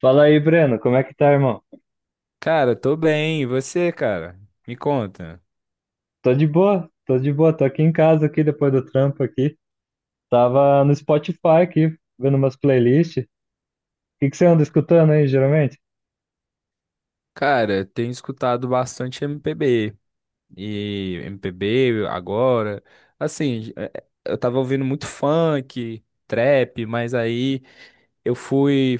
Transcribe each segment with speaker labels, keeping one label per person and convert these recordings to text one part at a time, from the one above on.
Speaker 1: Fala aí, Breno, como é que tá, irmão?
Speaker 2: Cara, tô bem. E você, cara? Me conta.
Speaker 1: Tô de boa, tô aqui em casa aqui depois do trampo aqui. Tava no Spotify aqui, vendo umas playlists. O que que você anda escutando aí, geralmente?
Speaker 2: Cara, tenho escutado bastante MPB. E MPB agora. Assim, eu tava ouvindo muito funk, trap, mas aí eu fui.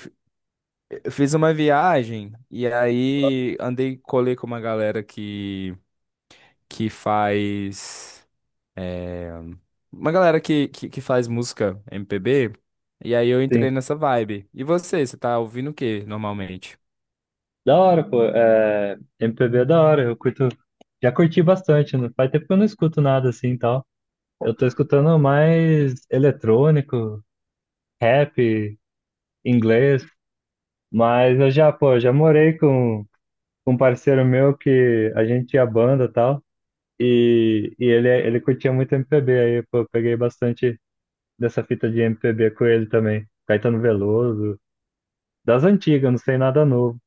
Speaker 2: Eu fiz uma viagem e aí andei, colei com uma galera que faz. Uma galera que faz música MPB. E aí eu
Speaker 1: Sim.
Speaker 2: entrei nessa vibe. E você tá ouvindo o que normalmente?
Speaker 1: Da hora, pô. É... MPB é da hora, eu curto. Já curti bastante, né? Faz tempo que eu não escuto nada assim e tal. Eu tô escutando mais eletrônico, rap, inglês, mas eu já, pô, já morei com um parceiro meu que a gente tinha banda e tal. E ele, ele curtia muito MPB, aí pô, eu peguei bastante dessa fita de MPB com ele também. Caetano Veloso, das antigas, não sei nada novo.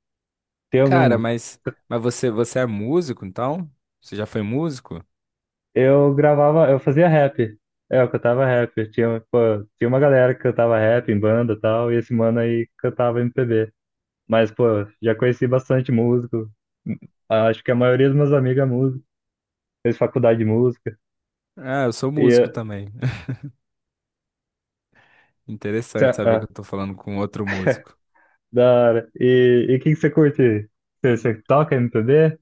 Speaker 1: Tem
Speaker 2: Cara,
Speaker 1: algum.
Speaker 2: mas você é músico, então? Você já foi músico?
Speaker 1: Eu gravava, eu fazia rap. É, eu cantava rap. Tinha, pô, tinha uma galera que cantava rap em banda e tal, e esse mano aí cantava MPB. Mas, pô, já conheci bastante músico. Acho que a maioria dos meus amigos é músico. Fez faculdade de música.
Speaker 2: Ah, eu sou
Speaker 1: E,
Speaker 2: músico
Speaker 1: eh,
Speaker 2: também. Interessante
Speaker 1: cê-
Speaker 2: saber
Speaker 1: ah,
Speaker 2: que eu tô falando com outro músico.
Speaker 1: Da hora. E o que que você curte? Você, você toca MPB?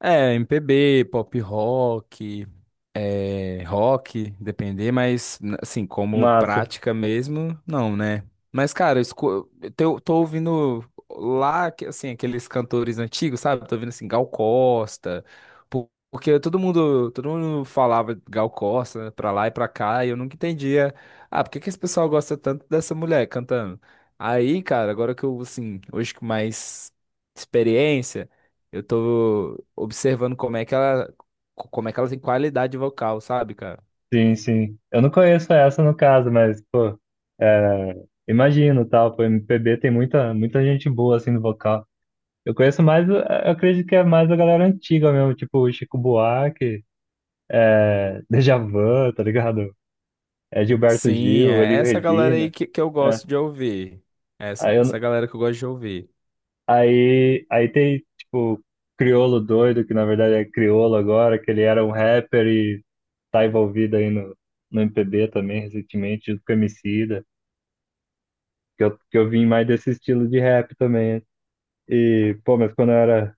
Speaker 2: É, MPB, pop rock, é, rock, depender, mas assim, como
Speaker 1: Massa,
Speaker 2: prática mesmo, não, né? Mas, cara, eu tô ouvindo lá, assim, aqueles cantores antigos, sabe? Tô ouvindo, assim, Gal Costa, porque todo mundo falava Gal Costa, né, pra lá e pra cá, e eu nunca entendia, ah, por que que esse pessoal gosta tanto dessa mulher cantando? Aí, cara, agora que eu, assim, hoje que mais experiência, eu tô observando como é que ela tem qualidade vocal, sabe, cara?
Speaker 1: sim, sim. Eu não conheço essa no caso, mas, pô, é, imagino, tal, pô, MPB tem muita, muita gente boa, assim, no vocal. Eu conheço mais, eu acredito que é mais a galera antiga mesmo, tipo o Chico Buarque, é, Djavan, tá ligado? É Gilberto
Speaker 2: Sim,
Speaker 1: Gil,
Speaker 2: é
Speaker 1: Elis
Speaker 2: essa galera aí
Speaker 1: Regina,
Speaker 2: que eu
Speaker 1: é.
Speaker 2: gosto de ouvir. Essa,
Speaker 1: Aí,
Speaker 2: essa
Speaker 1: eu
Speaker 2: galera que eu gosto de ouvir.
Speaker 1: aí, aí tem, tipo, Criolo doido, que na verdade é Criolo agora, que ele era um rapper e tá envolvido aí no MPB também, recentemente, junto com o que eu vim mais desse estilo de rap também. E, pô, mas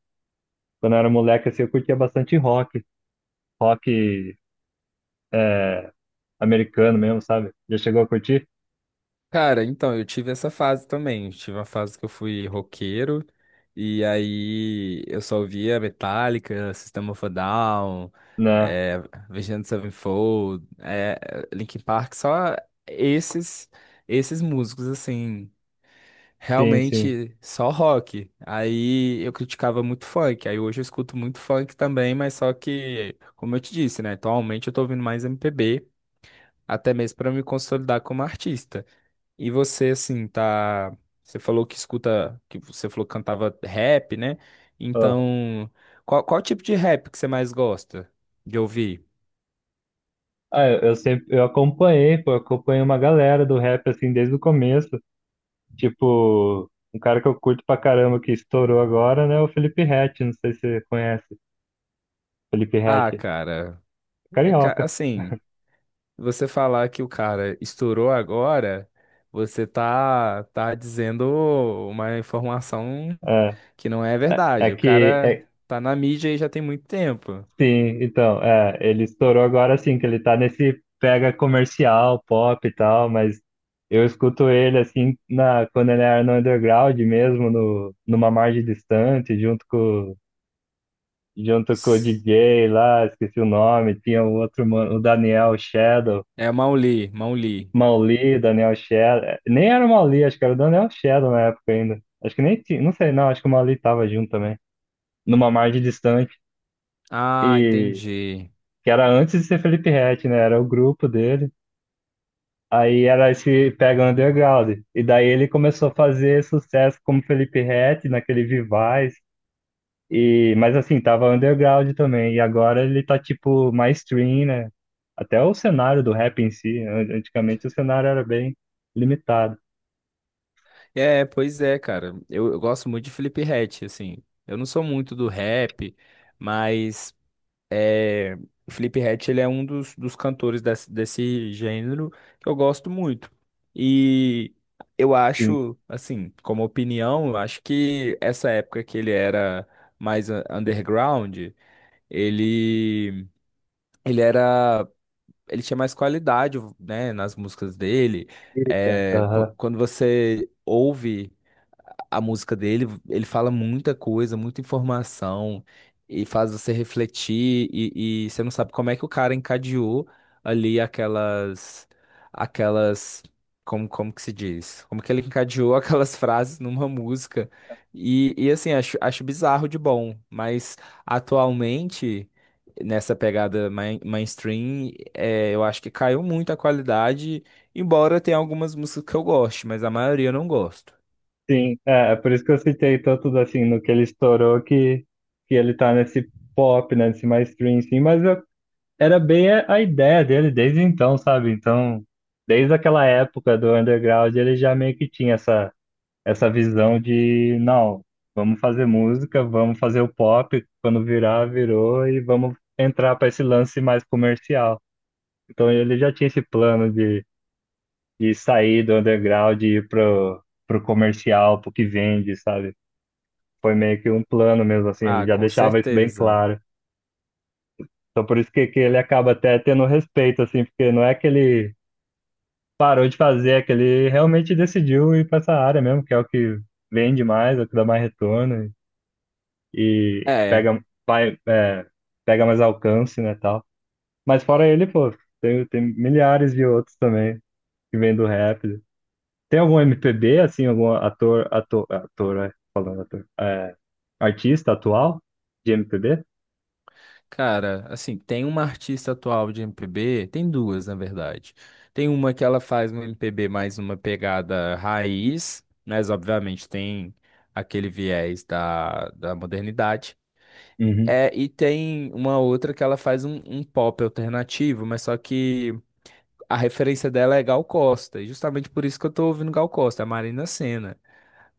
Speaker 1: quando eu era moleque, assim, eu curtia bastante rock, rock é, americano mesmo, sabe? Já chegou a curtir?
Speaker 2: Cara, então, eu tive essa fase também. Eu tive uma fase que eu fui roqueiro, e aí eu só ouvia Metallica, System of a Down,
Speaker 1: Né?
Speaker 2: é, Avenged Sevenfold, é, Linkin Park, só esses, esses músicos, assim.
Speaker 1: Sim, sim.
Speaker 2: Realmente só rock. Aí eu criticava muito funk. Aí hoje eu escuto muito funk também, mas só que, como eu te disse, né? Atualmente eu tô ouvindo mais MPB, até mesmo pra me consolidar como artista. E você, assim, tá. Você falou que escuta, que você falou que cantava rap, né?
Speaker 1: Ó.
Speaker 2: Então, qual tipo de rap que você mais gosta de ouvir?
Speaker 1: Ah, eu sempre, eu acompanhei, pô, eu acompanhei uma galera do rap, assim, desde o começo. Tipo, um cara que eu curto pra caramba que estourou agora, né, é o Felipe Ret, não sei se você conhece. Felipe
Speaker 2: Ah,
Speaker 1: Ret,
Speaker 2: cara, é,
Speaker 1: carioca.
Speaker 2: assim. Você falar que o cara estourou agora, você tá dizendo uma informação
Speaker 1: É,
Speaker 2: que não é
Speaker 1: é, é
Speaker 2: verdade. O
Speaker 1: que é,
Speaker 2: cara tá na mídia aí já tem muito tempo.
Speaker 1: Sim, então, é, ele estourou agora assim, que ele tá nesse pega comercial, pop e tal, mas eu escuto ele assim na, quando ele era no underground mesmo, no, numa margem distante, junto com o
Speaker 2: S-
Speaker 1: DJ lá, esqueci o nome, tinha o outro, mano, o Daniel Shadow,
Speaker 2: É Mauli, Mauli.
Speaker 1: Mauli, Daniel Shadow, é, nem era o Mauli, acho que era o Daniel Shadow na época ainda, acho que nem tinha, não sei não, acho que o Mauli tava junto também, numa margem distante,
Speaker 2: Ah,
Speaker 1: e
Speaker 2: entendi.
Speaker 1: que era antes de ser Felipe Ret, né, era o grupo dele. Aí era esse Pega Underground. E daí ele começou a fazer sucesso como Felipe Ret naquele Vivaz. E, mas assim, tava underground também. E agora ele tá tipo mainstream, né? Até o cenário do rap em si. Antigamente o cenário era bem limitado.
Speaker 2: É, pois é, cara. Eu gosto muito de Felipe Ret, assim. Eu não sou muito do rap, mas é, o Felipe Ret, ele é um dos cantores desse gênero que eu gosto muito. E eu
Speaker 1: Sim.
Speaker 2: acho, assim, como opinião, eu acho que essa época que ele era mais underground, ele, ele era, ele tinha mais qualidade, né, nas músicas dele.
Speaker 1: Fica,
Speaker 2: É,
Speaker 1: aham.
Speaker 2: quando você ouve a música dele, ele fala muita coisa, muita informação, e faz você refletir, e você não sabe como é que o cara encadeou ali aquelas, aquelas, como, como que se diz? Como que ele encadeou aquelas frases numa música. E assim, acho bizarro de bom, mas atualmente, nessa pegada mainstream, é, eu acho que caiu muito a qualidade, embora tenha algumas músicas que eu goste, mas a maioria eu não gosto.
Speaker 1: Sim, é, é por isso que eu citei tanto assim no que ele estourou que ele tá nesse pop, né? Nesse mainstream, sim. Mas eu era bem a ideia dele desde então, sabe? Então, desde aquela época do underground, ele já meio que tinha essa, essa visão de, não, vamos fazer música, vamos fazer o pop, quando virar, virou, e vamos entrar para esse lance mais comercial. Então, ele já tinha esse plano de sair do underground e ir pro, pro comercial, pro que vende, sabe? Foi meio que um plano mesmo, assim, ele
Speaker 2: Ah,
Speaker 1: já
Speaker 2: com
Speaker 1: deixava isso bem
Speaker 2: certeza.
Speaker 1: claro. Então, por isso que ele acaba até tendo respeito, assim, porque não é que ele parou de fazer, é que ele realmente decidiu ir para essa área mesmo, que é o que vende mais, é o que dá mais retorno e
Speaker 2: É,
Speaker 1: pega, vai, é, pega mais alcance, né, tal. Mas fora ele, pô, tem, tem milhares de outros também que vêm do rap. Tem algum MPB, assim, algum ator, ator, ator, é, falando ator, é, artista atual de MPB?
Speaker 2: cara, assim, tem uma artista atual de MPB, tem duas, na verdade. Tem uma que ela faz um MPB mais uma pegada raiz, mas obviamente tem aquele viés da modernidade.
Speaker 1: Uhum.
Speaker 2: É, e tem uma outra que ela faz um, um pop alternativo, mas só que a referência dela é Gal Costa, e justamente por isso que eu tô ouvindo Gal Costa, a Marina Sena.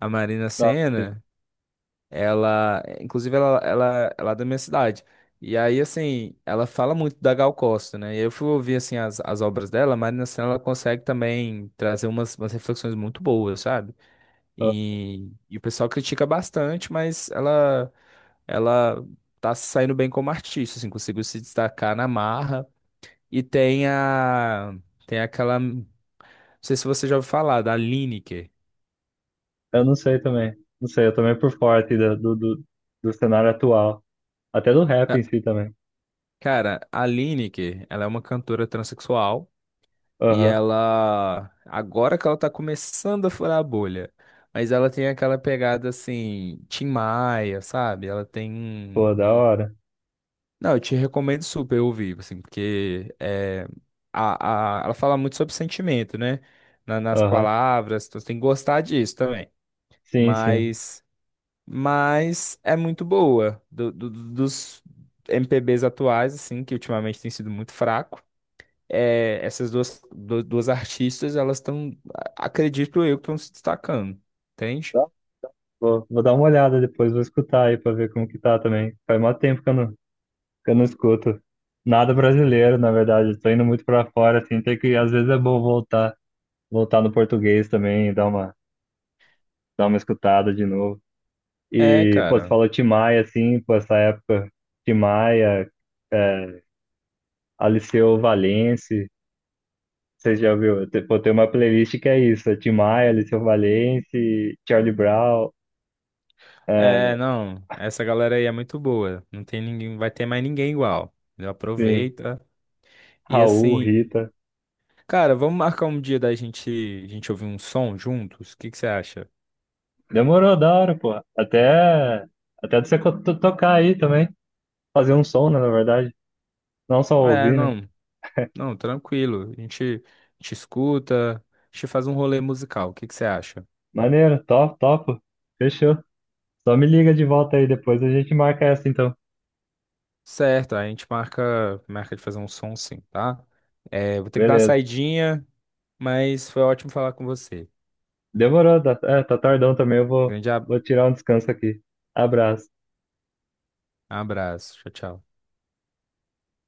Speaker 2: A Marina
Speaker 1: Ah, sim.
Speaker 2: Sena. Ela, inclusive, ela é da minha cidade. E aí, assim, ela fala muito da Gal Costa, né? E eu fui ouvir, assim, as obras dela, mas Marina Senna, ela consegue também trazer umas reflexões muito boas, sabe?
Speaker 1: Eu
Speaker 2: E o pessoal critica bastante, ela tá se saindo bem como artista, assim, conseguiu se destacar na marra. E tem tem aquela, não sei se você já ouviu falar, da Lineker.
Speaker 1: eu não sei também. Não sei, eu também por fora assim, do, do, do do cenário atual. Até do rap em
Speaker 2: Ah,
Speaker 1: si também.
Speaker 2: cara, a Lineker, ela é uma cantora transexual. E
Speaker 1: Aham,
Speaker 2: ela, agora que ela tá começando a furar a bolha, mas ela tem aquela pegada assim, Tim Maia, sabe? Ela tem
Speaker 1: pô, da hora.
Speaker 2: não, eu te recomendo super ouvir, assim, porque é, ela fala muito sobre sentimento, né? Nas
Speaker 1: Aham,
Speaker 2: palavras, então você tem que gostar disso também.
Speaker 1: sim, sim.
Speaker 2: Mas, mas é muito boa. Dos MPBs atuais, assim, que ultimamente tem sido muito fraco é, essas duas, duas artistas, elas estão, acredito eu, que estão se destacando, entende?
Speaker 1: Tá. Vou, vou dar uma olhada depois, vou escutar aí pra ver como que tá também. Faz mó tempo que eu não escuto. Nada brasileiro, na verdade. Eu tô indo muito pra fora, assim, tem que, às vezes é bom voltar, voltar no português também, dar uma escutada de novo.
Speaker 2: É,
Speaker 1: E, pô, você
Speaker 2: cara.
Speaker 1: falou Tim Maia, assim, pô, essa época, Tim Maia, Aliceu Valença, você já viu? Tem- Pô, tem uma playlist que é isso, é Tim Maia, Aliceu Valença, Charlie Brown,
Speaker 2: É,
Speaker 1: é,
Speaker 2: não, essa galera aí é muito boa. Não tem ninguém, vai ter mais ninguém igual. Entendeu?
Speaker 1: sim.
Speaker 2: Aproveita. E
Speaker 1: Raul,
Speaker 2: assim,
Speaker 1: Rita.
Speaker 2: cara, vamos marcar um dia da gente, a gente ouvir um som juntos? O que que você acha?
Speaker 1: Demorou da hora, pô. Até, até você co- to- tocar aí também. Fazer um som, né, na verdade. Não só
Speaker 2: É,
Speaker 1: ouvir, né?
Speaker 2: não, não, tranquilo. A gente escuta, a gente faz um rolê musical. O que que você acha?
Speaker 1: Maneiro, top, top. Fechou. Só me liga de volta aí depois, a gente marca essa então.
Speaker 2: Certo, a gente marca, marca de fazer um som sim, tá? É, vou ter que dar uma
Speaker 1: Beleza.
Speaker 2: saidinha, mas foi ótimo falar com você.
Speaker 1: Demorou, tá, é, tá tardão também, eu vou,
Speaker 2: Grande ab-
Speaker 1: vou tirar um descanso aqui. Abraço.
Speaker 2: Abraço. Tchau, tchau.